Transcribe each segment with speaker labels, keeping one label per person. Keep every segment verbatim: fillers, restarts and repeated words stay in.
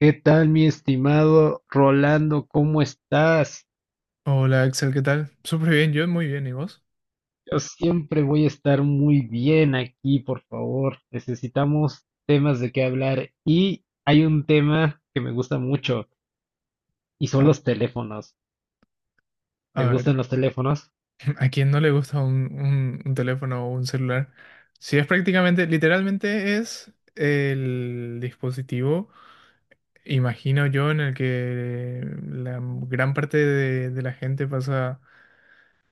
Speaker 1: ¿Qué tal, mi estimado Rolando? ¿Cómo estás?
Speaker 2: Hola Axel, ¿qué tal? Súper bien, yo muy bien, ¿y vos?
Speaker 1: Yo siempre voy a estar muy bien aquí, por favor. Necesitamos temas de qué hablar. Y hay un tema que me gusta mucho y son
Speaker 2: A,
Speaker 1: los teléfonos. ¿Te
Speaker 2: a ver,
Speaker 1: gustan los teléfonos?
Speaker 2: ¿a quién no le gusta un, un- un teléfono o un celular? Si es prácticamente, literalmente es el dispositivo, imagino yo, en el que la gran parte de, de la gente pasa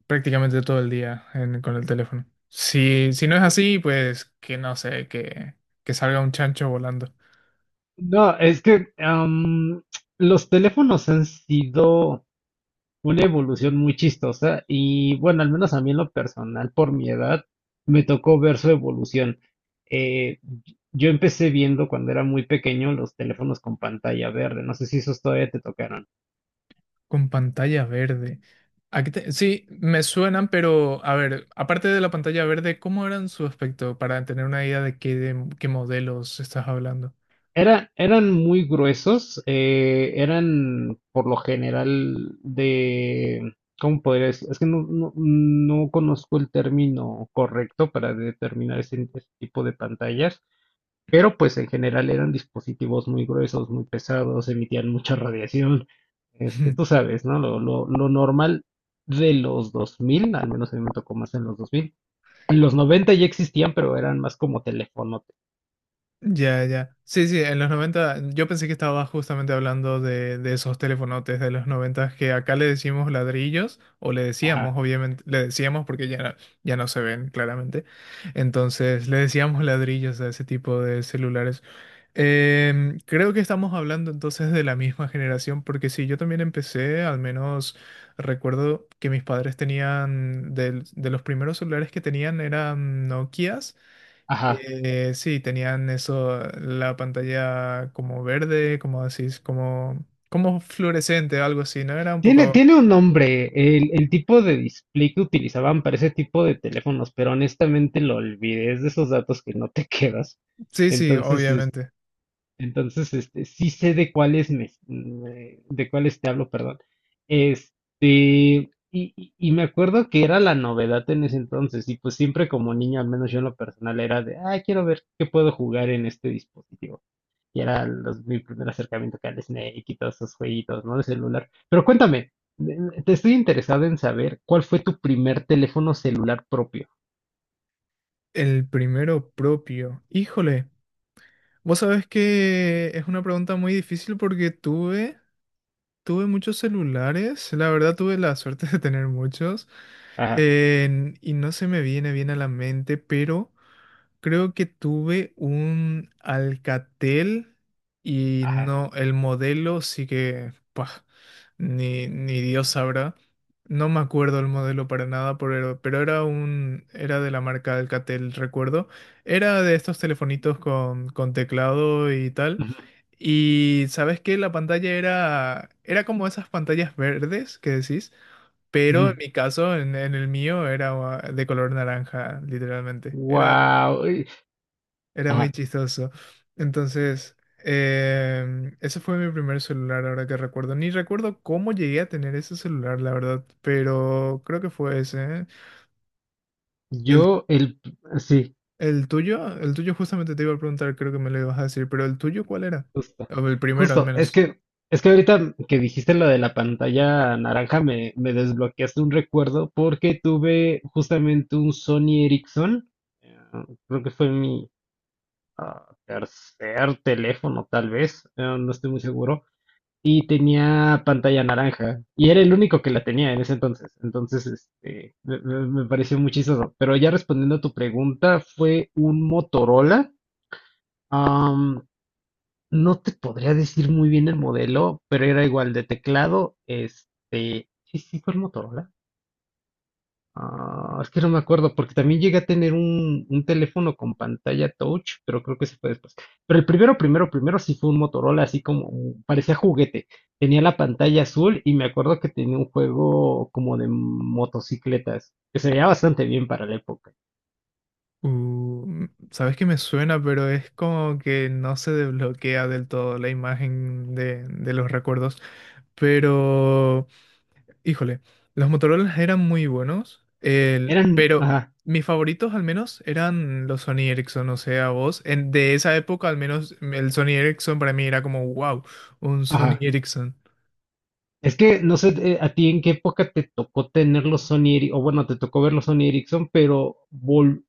Speaker 2: prácticamente todo el día en- con el teléfono. Si, si no es así, pues que no sé, que, que salga un chancho volando.
Speaker 1: No, es que am, los teléfonos han sido una evolución muy chistosa y bueno, al menos a mí en lo personal, por mi edad, me tocó ver su evolución. Eh, yo empecé viendo cuando era muy pequeño los teléfonos con pantalla verde, no sé si esos todavía te tocaron.
Speaker 2: Con pantalla verde. ¿A te- Sí, me suenan, pero a ver, aparte de la pantalla verde, ¿cómo eran su aspecto para tener una idea de qué, de qué modelos estás hablando?
Speaker 1: Era- eran muy gruesos, eh, eran por lo general de, ¿cómo podría decir? Es que no, no, no conozco el término correcto para determinar ese ese tipo de pantallas. Pero pues en general eran dispositivos muy gruesos, muy pesados, emitían mucha radiación. Este, tú sabes, ¿no? Lo, lo, lo normal de los dos mil, al menos a mí me tocó más en los dos mil. En los noventa ya existían, pero eran más como teléfonos.
Speaker 2: Ya, ya. Sí, sí, en los noventa, yo pensé que estaba justamente hablando de, de esos telefonotes de los noventa que acá le decimos ladrillos, o le
Speaker 1: Ajá,
Speaker 2: decíamos, obviamente, le decíamos porque ya no, ya no se ven claramente. Entonces, le decíamos ladrillos a ese tipo de celulares. Em, creo que estamos hablando entonces de la misma generación, porque sí, yo también empecé, al menos recuerdo que mis padres tenían, del- de, los primeros celulares que tenían eran Nokias.
Speaker 1: ajá.
Speaker 2: Eh, sí, tenían eso, la pantalla como verde, como decís, como, como fluorescente, algo así, ¿no? Era un
Speaker 1: Tiene,
Speaker 2: poco...
Speaker 1: tiene un nombre, el, el tipo de display que utilizaban para ese tipo de teléfonos, pero honestamente lo olvidé, es de esos datos que no te quedas.
Speaker 2: Sí, sí,
Speaker 1: Entonces, este,
Speaker 2: obviamente.
Speaker 1: entonces, este, sí sé de cuáles me, me- de cuáles te hablo, perdón. Este, y, y- y me acuerdo que era la novedad en ese entonces, y pues siempre como niño, al menos yo en lo personal, era de, ah, quiero ver qué puedo jugar en este dispositivo. Y era los- mi primer acercamiento acá al Snake y todos esos jueguitos, ¿no? De celular. Pero cuéntame, de- te estoy interesado en saber cuál fue tu primer teléfono celular propio.
Speaker 2: El primero propio. Híjole, vos sabés que es una pregunta muy difícil porque tuve, tuve muchos celulares, la verdad tuve la suerte de tener muchos,
Speaker 1: Ajá,
Speaker 2: en- y no se me viene bien a la mente, pero... Creo que tuve un Alcatel y
Speaker 1: ajá.
Speaker 2: no, el modelo sí que, pah, ni, ni Dios sabrá. No me acuerdo el modelo para nada, pero, pero era un, era de la marca Alcatel, recuerdo. Era de estos telefonitos con, con teclado y tal. Y sabes que la pantalla era, era como esas pantallas verdes que decís, pero en mi caso, en, en el mío, era ah, de color naranja, literalmente.
Speaker 1: Wow.
Speaker 2: Era muy chistoso. Entonces, em, ese fue mi primer celular, ahora que recuerdo. Ni recuerdo cómo llegué a tener ese celular, la verdad, pero creo que fue ese, ¿eh? ¿Y el,
Speaker 1: Yo, el, sí,
Speaker 2: el tuyo? El tuyo justamente te iba a preguntar, creo que me lo ibas a decir, pero ¿el tuyo cuál era?
Speaker 1: justo,
Speaker 2: O el primero al
Speaker 1: justo, es
Speaker 2: menos.
Speaker 1: que, es que ahorita que dijiste lo de la pantalla naranja me, me desbloqueaste un recuerdo porque tuve justamente un Sony Ericsson, eh, creo que fue mi ah, tercer teléfono tal vez, eh, no estoy muy seguro, y tenía pantalla naranja y era el único que la tenía en ese entonces, entonces este, me, me- me pareció muy chistoso, pero ya respondiendo a tu pregunta, fue un Motorola. No te podría decir muy bien el modelo, pero era igual de teclado. Este, sí, sí, fue el Motorola. Ah, es que no me acuerdo, porque también llegué a tener un, un teléfono con pantalla touch, pero creo que se fue después. Pero el primero, primero, primero sí fue un Motorola, así como un- parecía juguete. Tenía la pantalla azul y me acuerdo que tenía un juego como de motocicletas, que se veía bastante bien para la época.
Speaker 2: Uh, m- sabes que me suena, pero es como que no se desbloquea del todo la imagen de, de los recuerdos. Pero... Híjole, los Motorola eran muy buenos, el-
Speaker 1: Eran,
Speaker 2: pero
Speaker 1: ajá,
Speaker 2: mis favoritos al menos eran los Sony Ericsson, o sea, vos, en, de esa época al menos el Sony Ericsson para mí era como, wow, un Sony
Speaker 1: ajá.
Speaker 2: Ericsson,
Speaker 1: Es que no sé eh, a ti en qué época te tocó tener los Sony Ericsson, o bueno, te tocó ver los Sony Ericsson, pero vol-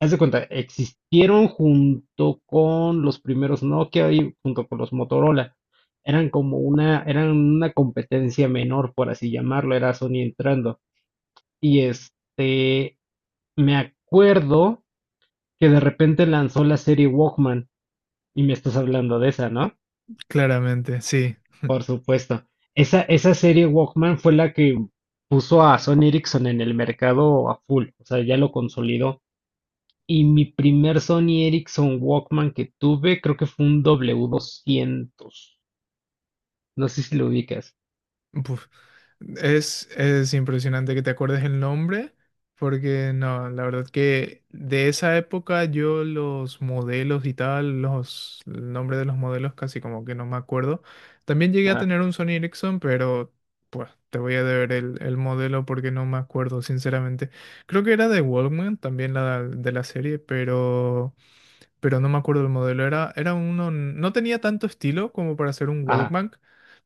Speaker 1: haz de cuenta, existieron junto con los primeros Nokia y junto con los Motorola. Eran como una, eran una competencia menor, por así llamarlo, era Sony entrando. Y este, me acuerdo que de repente lanzó la serie Walkman, y me estás hablando de esa, ¿no?
Speaker 2: claramente, sí.
Speaker 1: Supuesto. Esa, esa serie Walkman fue la que puso a Sony Ericsson en el mercado a full, o sea, ya lo consolidó. Y mi primer Sony Ericsson Walkman que tuve, creo que fue un W doscientos. No sé si lo ubicas.
Speaker 2: Buf, Es, es impresionante que te acuerdes el nombre, porque no, la verdad que de esa época yo los modelos y tal, los, el nombre de los modelos casi como que no me acuerdo. También llegué a
Speaker 1: Ajá,
Speaker 2: tener un Sony Ericsson, pero pues te voy a deber el, el modelo porque no me acuerdo, sinceramente. Creo que era de Walkman, también la de la serie, pero pero no me acuerdo el modelo. Era, era uno, no tenía tanto estilo como para ser un
Speaker 1: ajá,
Speaker 2: Walkman,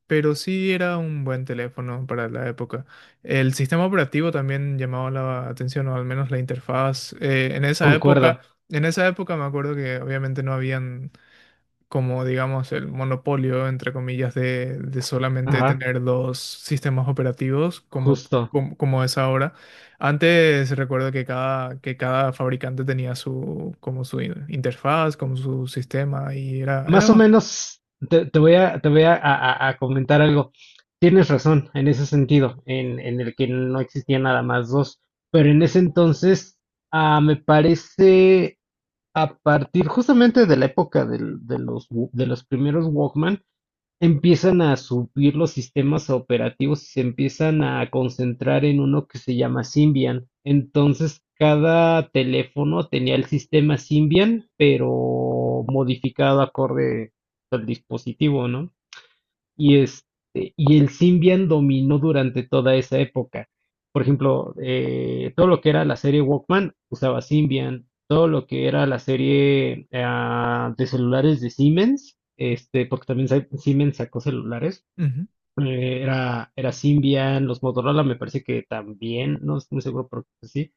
Speaker 2: pero sí era un buen teléfono para la época. El sistema operativo también llamaba la atención, o al menos la interfaz. Eh, en esa época,
Speaker 1: concuerdo.
Speaker 2: en esa época me acuerdo que obviamente no habían como digamos el monopolio, entre comillas, de, de solamente
Speaker 1: Ajá,
Speaker 2: tener dos sistemas operativos como,
Speaker 1: justo.
Speaker 2: como, como es ahora. Antes recuerdo que cada, que cada fabricante tenía su, como su in- interfaz, como su sistema y era, era
Speaker 1: Más o
Speaker 2: bastante...
Speaker 1: menos te, te voy a, te voy a, a- a a comentar algo. Tienes razón en ese sentido, en, en el que no existía nada más dos. Pero en ese entonces, ah, me parece a partir justamente de la época del- de los, wa- de los primeros Walkman, empiezan a subir los sistemas operativos y se empiezan a concentrar en uno que se llama Symbian. Entonces, cada teléfono tenía el sistema Symbian, pero modificado acorde al dispositivo, ¿no? Y este, y el Symbian dominó durante toda esa época. Por ejemplo, eh, todo lo que era la serie Walkman usaba Symbian, todo lo que era la serie ah, de celulares de Siemens, este, porque también sa- Siemens sacó celulares, eh, era, era Symbian, los Motorola me parece que también, no estoy muy seguro, pero creo que sí.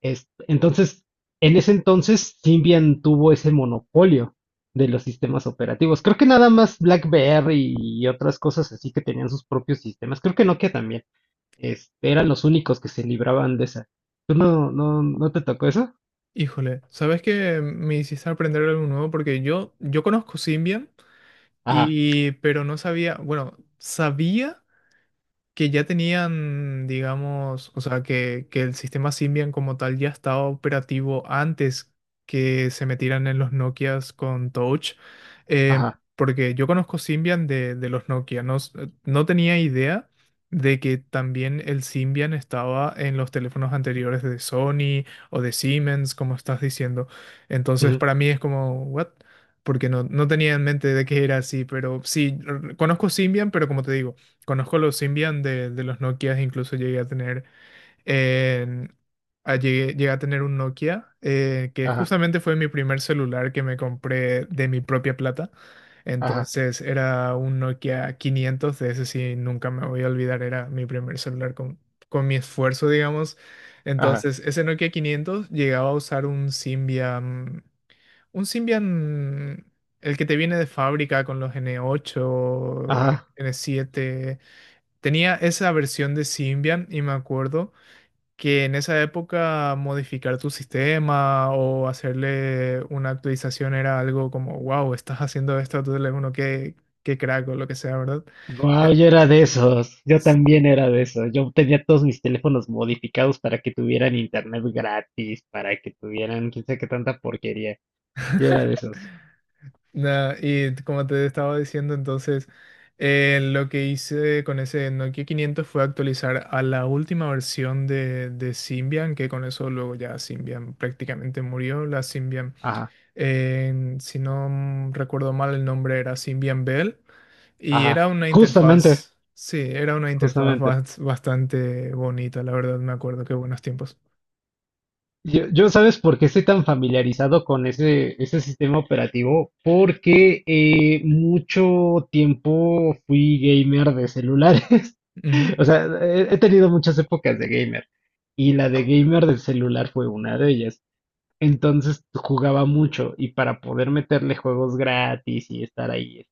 Speaker 1: Es- entonces, en ese entonces, Symbian tuvo ese monopolio de los sistemas operativos. Creo que nada más BlackBerry y otras cosas así que tenían sus propios sistemas. Creo que Nokia también. Este, eran los únicos que se libraban de esa. ¿Tú no, no, no te tocó eso?
Speaker 2: Híjole, ¿sabes qué? Me hiciste aprender algo nuevo porque yo, yo conozco Symbian,
Speaker 1: Ajá,
Speaker 2: y, pero no sabía, bueno, sabía que ya tenían, digamos, o sea, que, que el sistema Symbian como tal ya estaba operativo antes que se metieran en los Nokias con Touch, eh,
Speaker 1: ajá,
Speaker 2: porque yo conozco Symbian de, de los Nokia, no, s- eh, no tenía idea de que también el Symbian estaba en los teléfonos anteriores de Sony o de Siemens, como estás diciendo. Entonces,
Speaker 1: ujú,
Speaker 2: para mí es como, ¿what? Porque no, no tenía en mente de que era así, pero sí, r- conozco Symbian, pero como te digo, conozco los Symbian de, de los Nokias, incluso llegué a tener, en- a- llegué, llegué a tener un Nokia, eh, que
Speaker 1: ajá,
Speaker 2: justamente fue mi primer celular que me compré de mi propia plata.
Speaker 1: ajá,
Speaker 2: Entonces era un Nokia quinientos, de ese sí nunca me voy a olvidar, era mi primer celular con, con mi esfuerzo, digamos.
Speaker 1: ajá,
Speaker 2: Entonces ese Nokia quinientos llegaba a usar un Symbian, un Symbian, el que te viene de fábrica con los N ocho,
Speaker 1: ajá.
Speaker 2: N siete. Tenía esa versión de Symbian y me acuerdo que en esa época modificar tu sistema o hacerle una actualización era algo como, wow, estás haciendo esto a tu teléfono, qué, qué crack o lo que sea, ¿verdad? Eh,
Speaker 1: Guau, yo era de esos. Yo
Speaker 2: s-
Speaker 1: también era de esos. Yo tenía todos mis teléfonos modificados para que tuvieran internet gratis, para que tuvieran quién sabe qué tanta porquería. Yo era de esos.
Speaker 2: na- y como te estaba diciendo, entonces eh, lo que hice con ese Nokia quinientos fue actualizar a la última versión de, de Symbian, que con eso luego ya Symbian prácticamente murió, la Symbian.
Speaker 1: Ajá,
Speaker 2: en- si no recuerdo mal, el nombre era Symbian Bell y era
Speaker 1: ajá.
Speaker 2: una
Speaker 1: Justamente,
Speaker 2: interfaz, sí, era una interfaz
Speaker 1: justamente.
Speaker 2: bas- bastante bonita, la verdad, me acuerdo, qué buenos tiempos.
Speaker 1: Yo, yo ¿sabes por qué estoy tan familiarizado con ese, ese sistema operativo? Porque eh, mucho tiempo fui gamer de celulares.
Speaker 2: Ujú,
Speaker 1: O sea, he, he tenido muchas épocas de gamer. Y la de gamer del celular fue una de ellas. Entonces jugaba mucho y para poder meterle juegos gratis y estar ahí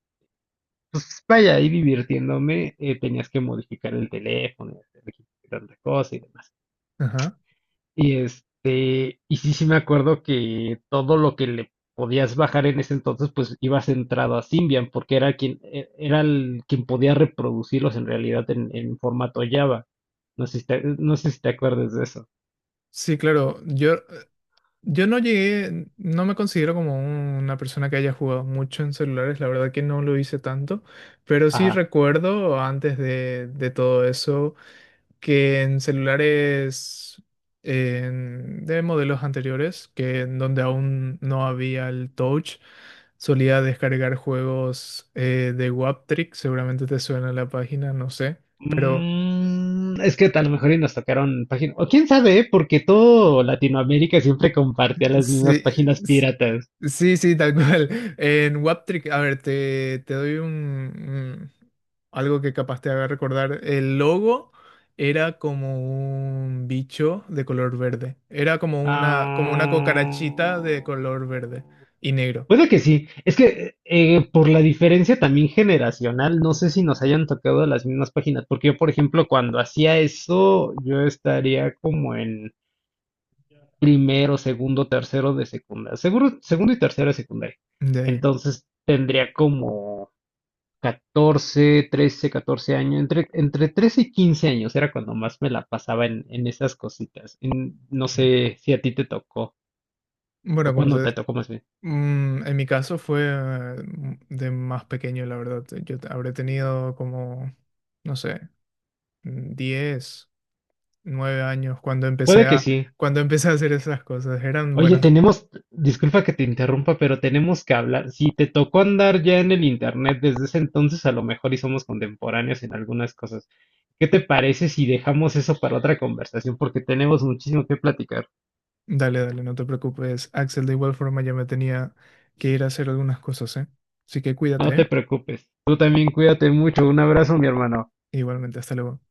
Speaker 1: pues vaya, ahí divirtiéndome, eh, tenías que modificar el teléfono, hacer tanta cosa y demás.
Speaker 2: ajá.
Speaker 1: Y este, y sí, sí me acuerdo que todo lo que le podías bajar en ese entonces, pues ibas centrado a Symbian, porque era quien, e- era el, quien podía reproducirlos en realidad en, en formato Java. No sé si te, no sé si te acuerdas de eso.
Speaker 2: Sí, claro, yo, yo no llegué, no me considero como una persona que haya jugado mucho en celulares, la verdad que no lo hice tanto, pero sí
Speaker 1: Ajá.
Speaker 2: recuerdo antes de, de todo eso. Que en celulares en- de modelos anteriores, que en donde aún no había el touch, solía descargar juegos eh, de Waptrick, seguramente te suena la página, no sé, pero
Speaker 1: Mm, es que a lo mejor y nos tocaron páginas. O quién sabe, ¿eh? Porque todo Latinoamérica siempre compartía las mismas páginas
Speaker 2: sí.
Speaker 1: piratas.
Speaker 2: Sí, sí, tal cual. En Waptrick, a ver, te, te doy un, un- algo que capaz te haga recordar. El logo era como un bicho de color verde. Era como una, como una
Speaker 1: Ah,
Speaker 2: cucarachita de color verde y negro.
Speaker 1: puede que sí. Es que eh, por la diferencia también generacional, no sé si nos hayan tocado las mismas páginas, porque yo, por ejemplo, cuando hacía eso, yo estaría como en primero, segundo, tercero de secundaria. Seguro, segundo y tercero de secundaria.
Speaker 2: De,
Speaker 1: Entonces tendría como catorce, trece, catorce años, entre, entre trece y quince años era cuando más me la pasaba en, en esas cositas. En- no sé si a ti te tocó
Speaker 2: bueno,
Speaker 1: o
Speaker 2: como
Speaker 1: cuando te
Speaker 2: te,
Speaker 1: tocó más bien.
Speaker 2: mm, En mi caso fue eh, m- de más pequeño, la verdad. Yo te- habré tenido como, no sé, diez nueve años cuando empecé
Speaker 1: Puede que
Speaker 2: a
Speaker 1: sí.
Speaker 2: cuando empecé a hacer esas cosas. Eran
Speaker 1: Oye,
Speaker 2: buenas.
Speaker 1: tenemos, disculpa que te interrumpa, pero tenemos que hablar. Si te tocó andar ya en el internet desde ese entonces, a lo mejor y somos contemporáneos en algunas cosas. ¿Qué te parece si dejamos eso para otra conversación? Porque tenemos muchísimo que platicar.
Speaker 2: Dale, dale, no te preocupes. Axel, de igual forma ya me tenía que ir a hacer algunas cosas, ¿eh? Así que
Speaker 1: No
Speaker 2: cuídate,
Speaker 1: te
Speaker 2: ¿eh?
Speaker 1: preocupes. Tú también cuídate mucho. Un abrazo, mi hermano.
Speaker 2: Igualmente, hasta luego.